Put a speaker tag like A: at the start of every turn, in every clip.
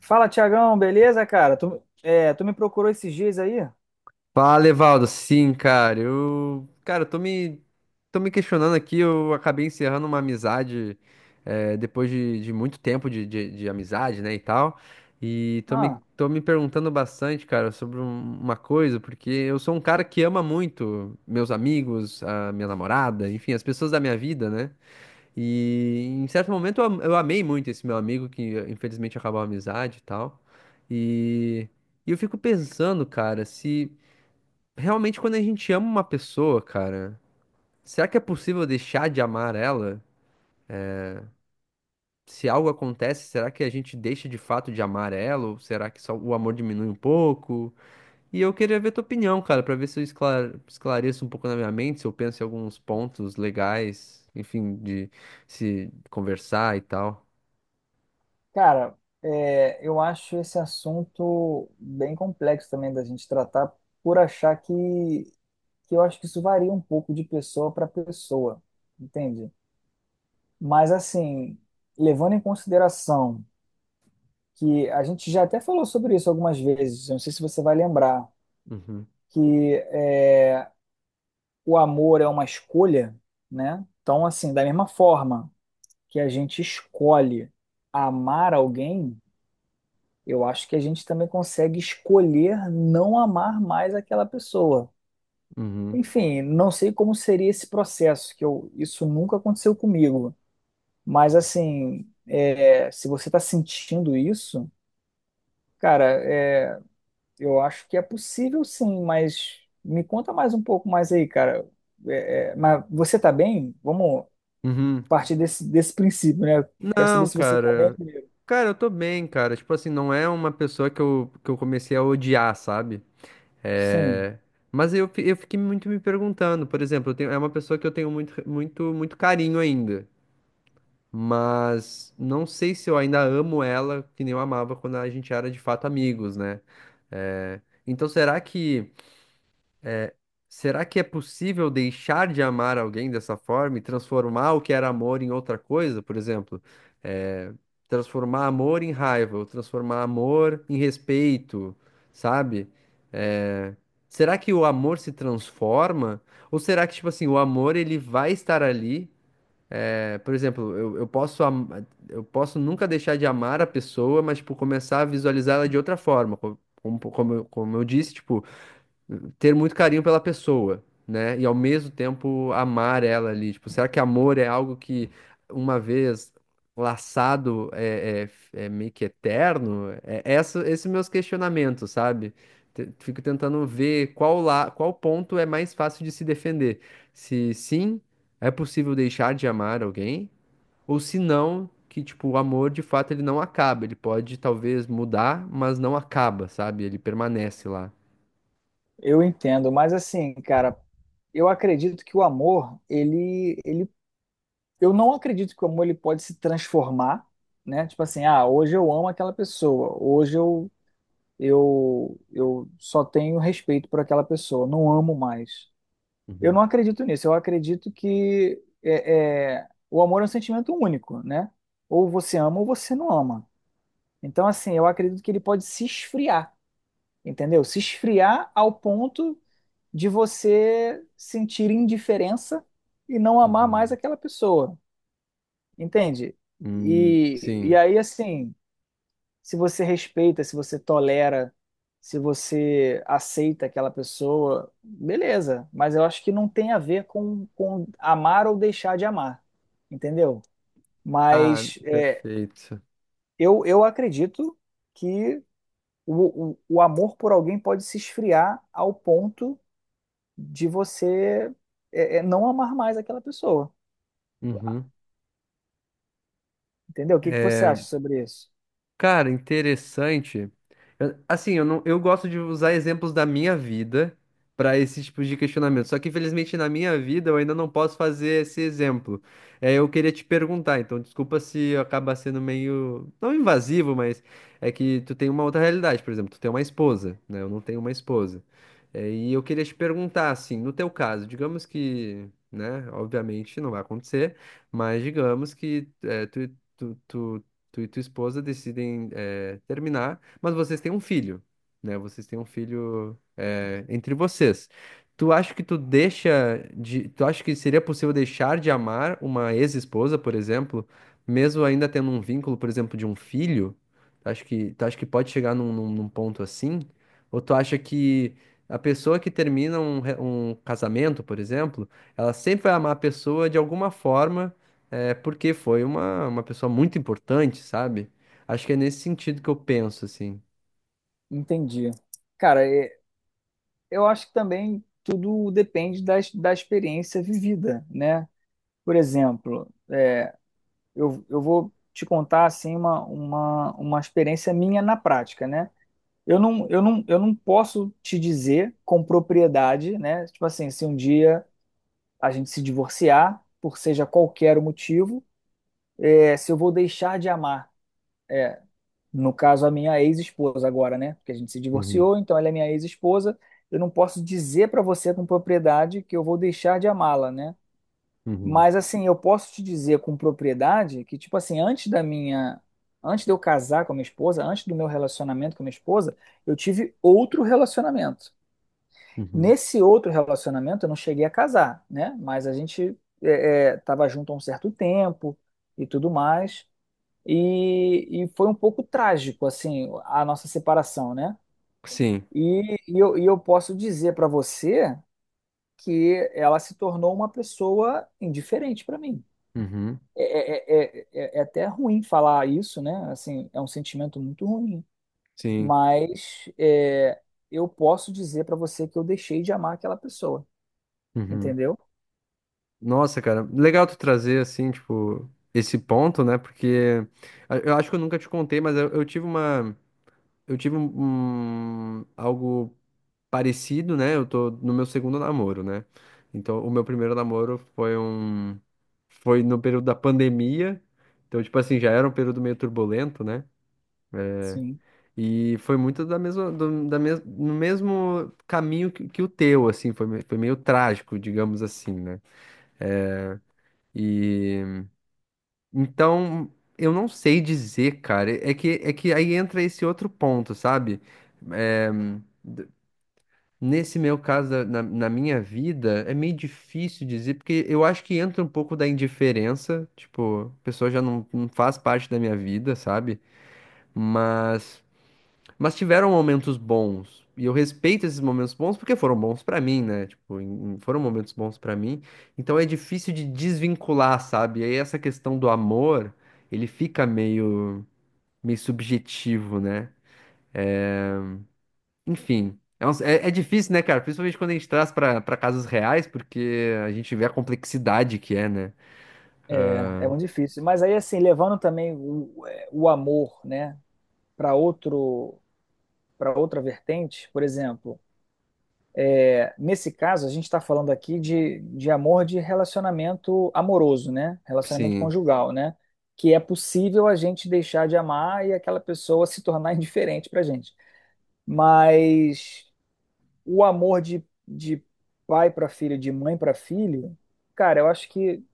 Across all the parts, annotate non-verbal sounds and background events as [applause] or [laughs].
A: Fala, Tiagão, beleza, cara? Tu, tu me procurou esses dias aí?
B: Fala, Evaldo. Sim, cara. Eu, cara, eu tô me questionando aqui. Eu acabei encerrando uma amizade depois de muito tempo de amizade, né, e tal. E
A: Ah,
B: tô me perguntando bastante, cara, sobre uma coisa, porque eu sou um cara que ama muito meus amigos, a minha namorada, enfim, as pessoas da minha vida, né? E em certo momento eu amei muito esse meu amigo, que infelizmente acabou a amizade e tal. E, e eu fico pensando, cara, se. Realmente, quando a gente ama uma pessoa, cara, será que é possível deixar de amar ela? Se algo acontece, será que a gente deixa de fato de amar ela? Ou será que só o amor diminui um pouco? E eu queria ver tua opinião, cara, pra ver se eu esclareço um pouco na minha mente, se eu penso em alguns pontos legais, enfim, de se conversar e tal.
A: cara, eu acho esse assunto bem complexo também da gente tratar, por achar que eu acho que isso varia um pouco de pessoa para pessoa, entende? Mas, assim, levando em consideração que a gente já até falou sobre isso algumas vezes, eu não sei se você vai lembrar,
B: Uhum,
A: que é, o amor é uma escolha, né? Então, assim, da mesma forma que a gente escolhe amar alguém, eu acho que a gente também consegue escolher não amar mais aquela pessoa.
B: uhum,
A: Enfim, não sei como seria esse processo, isso nunca aconteceu comigo. Mas assim, se você está sentindo isso, cara, é, eu acho que é possível sim, mas me conta mais um pouco mais aí, cara. Mas você tá bem? Vamos
B: uhum.
A: partir desse princípio, né? Quero saber
B: Não,
A: se você tá bem
B: cara.
A: primeiro.
B: Cara, eu tô bem, cara. Tipo assim, não é uma pessoa que eu comecei a odiar, sabe?
A: Sim.
B: É, Mas eu fiquei muito me perguntando, por exemplo, é uma pessoa que eu tenho muito, muito, muito carinho ainda, mas não sei se eu ainda amo ela que nem eu amava quando a gente era de fato amigos, né? É, Então será que Será que é possível deixar de amar alguém dessa forma e transformar o que era amor em outra coisa? Por exemplo, eh, transformar amor em raiva, ou transformar amor em respeito, sabe? Eh, Será que o amor se transforma? Ou será que, tipo assim, o amor ele vai estar ali? Por exemplo, eu posso eu posso nunca deixar de amar a pessoa, mas, tipo, começar a visualizar ela de outra forma. Como, como eu disse, tipo ter muito carinho pela pessoa, né? E ao mesmo tempo amar ela ali. Tipo, será que amor é algo que uma vez laçado é, é meio que eterno? Esses meus questionamentos, sabe? Fico tentando ver qual lá, qual ponto é mais fácil de se defender. Se sim, é possível deixar de amar alguém, ou se não, que tipo, o amor de fato ele não acaba, ele pode talvez mudar, mas não acaba, sabe? Ele permanece lá.
A: Eu entendo, mas assim, cara, eu acredito que o amor, eu não acredito que o amor ele pode se transformar, né? Tipo assim, ah, hoje eu amo aquela pessoa, hoje eu só tenho respeito por aquela pessoa, não amo mais. Eu
B: Uhum,
A: não acredito nisso. Eu acredito que o amor é um sentimento único, né? Ou você ama ou você não ama. Então, assim, eu acredito que ele pode se esfriar, entendeu? Se esfriar ao ponto de você sentir indiferença e não amar mais
B: uhum.
A: aquela pessoa, entende? E, e
B: Sim.
A: aí, assim, se você respeita, se você tolera, se você aceita aquela pessoa, beleza, mas eu acho que não tem a ver com amar ou deixar de amar, entendeu?
B: Ah,
A: Mas é,
B: perfeito.
A: eu, eu acredito que o amor por alguém pode se esfriar ao ponto de você não amar mais aquela pessoa.
B: Uhum.
A: Entendeu? O que que você
B: É,
A: acha sobre isso?
B: Cara, interessante. Assim, eu não, eu gosto de usar exemplos da minha vida para esse tipo de questionamento. Só que, infelizmente, na minha vida eu ainda não posso fazer esse exemplo. É, eu queria te perguntar, então, desculpa se acaba sendo meio, não invasivo, mas é que tu tem uma outra realidade, por exemplo, tu tem uma esposa, né? Eu não tenho uma esposa. É, e eu queria te perguntar, assim, no teu caso, digamos que, né, obviamente não vai acontecer, mas digamos que tu, tu tu e tua esposa decidem terminar, mas vocês têm um filho, né? Vocês têm um filho entre vocês. Tu acha que seria possível deixar de amar uma ex-esposa, por exemplo, mesmo ainda tendo um vínculo, por exemplo, de um filho? Tu acha que pode chegar num ponto assim? Ou tu acha que a pessoa que termina um casamento, por exemplo, ela sempre vai amar a pessoa de alguma forma? É porque foi uma pessoa muito importante, sabe? Acho que é nesse sentido que eu penso, assim.
A: Entendi. Cara, eu acho que também tudo depende da da experiência vivida, né? Por exemplo, eu vou te contar assim uma experiência minha na prática, né? Eu não posso te dizer com propriedade, né? Tipo assim, se um dia a gente se divorciar, por seja qualquer o motivo, se eu vou deixar de amar. No caso, a minha ex-esposa agora, né? Porque a gente se
B: Uhum,
A: divorciou, então ela é minha ex-esposa. Eu não posso dizer para você com propriedade que eu vou deixar de amá-la, né?
B: uhum,
A: Mas assim, eu posso te dizer com propriedade que, tipo assim, antes de eu casar com a minha esposa, antes do meu relacionamento com a minha esposa, eu tive outro relacionamento.
B: uhum,
A: Nesse outro relacionamento, eu não cheguei a casar, né? Mas a gente estava junto há um certo tempo e tudo mais. E foi um pouco trágico, assim, a nossa separação, né?
B: sim,
A: E eu posso dizer para você que ela se tornou uma pessoa indiferente para mim.
B: uhum,
A: É, é, é, é- até ruim falar isso, né? Assim, é um sentimento muito ruim.
B: sim.
A: Mas é, eu posso dizer para você que eu deixei de amar aquela pessoa,
B: Uhum.
A: entendeu?
B: Nossa, cara, legal tu trazer, assim, tipo, esse ponto, né? Porque eu acho que eu nunca te contei, mas eu tive uma. Eu tive algo parecido, né? Eu tô no meu segundo namoro, né? Então, o meu primeiro namoro foi foi no período da pandemia. Então, tipo assim, já era um período meio turbulento, né?
A: Sim.
B: E foi muito da mesma, no mesmo caminho que o teu, assim, foi, foi meio trágico, digamos assim, né? E então, eu não sei dizer, cara. É que aí entra esse outro ponto, sabe? É, Nesse meu caso, na minha vida, é meio difícil dizer, porque eu acho que entra um pouco da indiferença, tipo, a pessoa já não, não faz parte da minha vida, sabe? Mas, mas tiveram momentos bons, e eu respeito esses momentos bons porque foram bons pra mim, né? Tipo, foram momentos bons pra mim, então é difícil de desvincular, sabe? E aí essa questão do amor, ele fica meio subjetivo, né? Enfim, é difícil, né, cara? Principalmente quando a gente traz pra casos reais, porque a gente vê a complexidade que é, né?
A: É muito difícil. Mas aí, assim, levando também o amor, né, para outro, para outra vertente, por exemplo. Nesse caso, a gente está falando aqui de amor de relacionamento amoroso, né? Relacionamento
B: Sim.
A: conjugal, né? Que é possível a gente deixar de amar e aquela pessoa se tornar [laughs] indiferente para a gente. Mas o amor de pai para filho, de mãe para filho, cara, eu acho que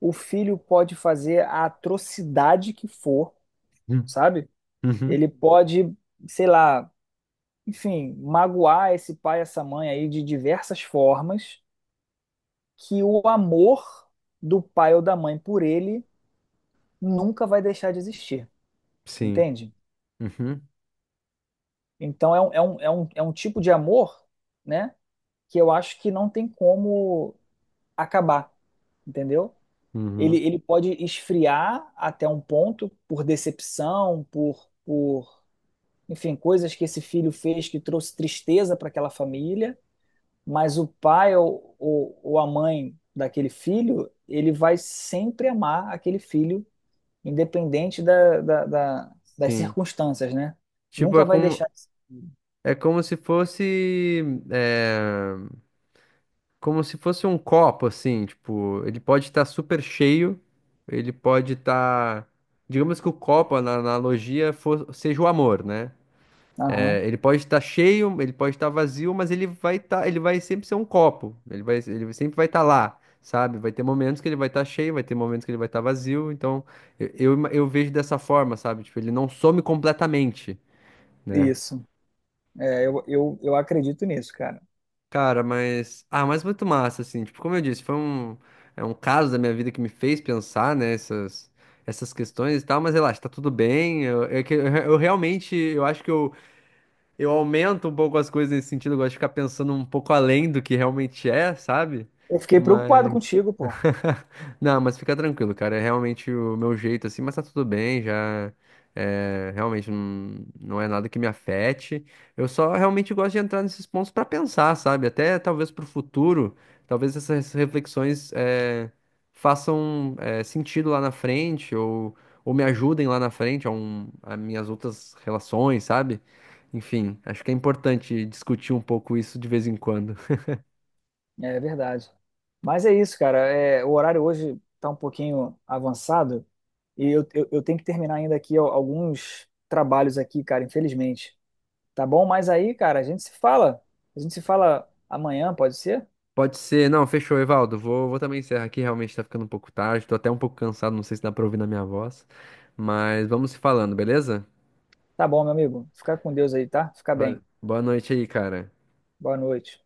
A: o filho pode fazer a atrocidade que for,
B: Hum.
A: sabe?
B: Uhum.
A: Ele pode, sei lá, enfim, magoar esse pai, essa mãe aí de diversas formas que o amor do pai ou da mãe por ele nunca vai deixar de existir,
B: Sim.
A: entende?
B: Uhum.
A: Então é um tipo de amor, né, que eu acho que não tem como acabar, entendeu? Ele,
B: Uhum.
A: ele pode esfriar até um ponto por decepção, enfim, coisas que esse filho fez que trouxe tristeza para aquela família, mas o pai ou a mãe daquele filho, ele vai sempre amar aquele filho independente das
B: Sim.
A: circunstâncias, né?
B: Tipo,
A: Nunca vai deixar.
B: é como se fosse, é, como se fosse um copo, assim, tipo, ele pode estar super cheio, ele pode estar, digamos que o copo, na na analogia, seja o amor, né?
A: Aham,
B: Ele pode estar cheio, ele pode estar vazio, mas ele vai sempre ser um copo. Ele sempre vai estar lá, sabe? Vai ter momentos que ele vai estar cheio, vai ter momentos que ele vai estar vazio. Então, eu vejo dessa forma, sabe? Tipo, ele não some completamente, né?
A: isso. É, eu acredito nisso, cara.
B: Cara, mas. Ah, mas muito massa, assim. Tipo, como eu disse, é um caso da minha vida que me fez pensar essas essas questões e tal, mas relaxa, tá tudo bem. Eu realmente, eu acho que eu. Eu aumento um pouco as coisas nesse sentido, eu gosto de ficar pensando um pouco além do que realmente é, sabe?
A: Eu fiquei preocupado
B: Mas
A: contigo, pô.
B: [laughs] Não, mas fica tranquilo, cara. É realmente o meu jeito, assim, mas tá tudo bem, já. É, realmente não é nada que me afete. Eu só realmente gosto de entrar nesses pontos pra pensar, sabe? Até talvez pro futuro, talvez essas reflexões façam sentido lá na frente ou me ajudem lá na frente a, um, a minhas outras relações, sabe? Enfim, acho que é importante discutir um pouco isso de vez em quando.
A: É verdade. Mas é isso, cara. É, o horário hoje tá um pouquinho avançado e eu tenho que terminar ainda aqui alguns trabalhos aqui, cara, infelizmente. Tá bom? Mas aí, cara, a gente se fala. A gente se fala amanhã, pode ser?
B: Pode ser. Não, fechou, Evaldo. Vou também encerrar aqui. Realmente tá ficando um pouco tarde. Tô até um pouco cansado. Não sei se dá pra ouvir na minha voz. Mas vamos se falando, beleza?
A: Tá bom, meu amigo. Fica com Deus aí, tá? Fica
B: Vale.
A: bem.
B: Boa noite aí, cara.
A: Boa noite.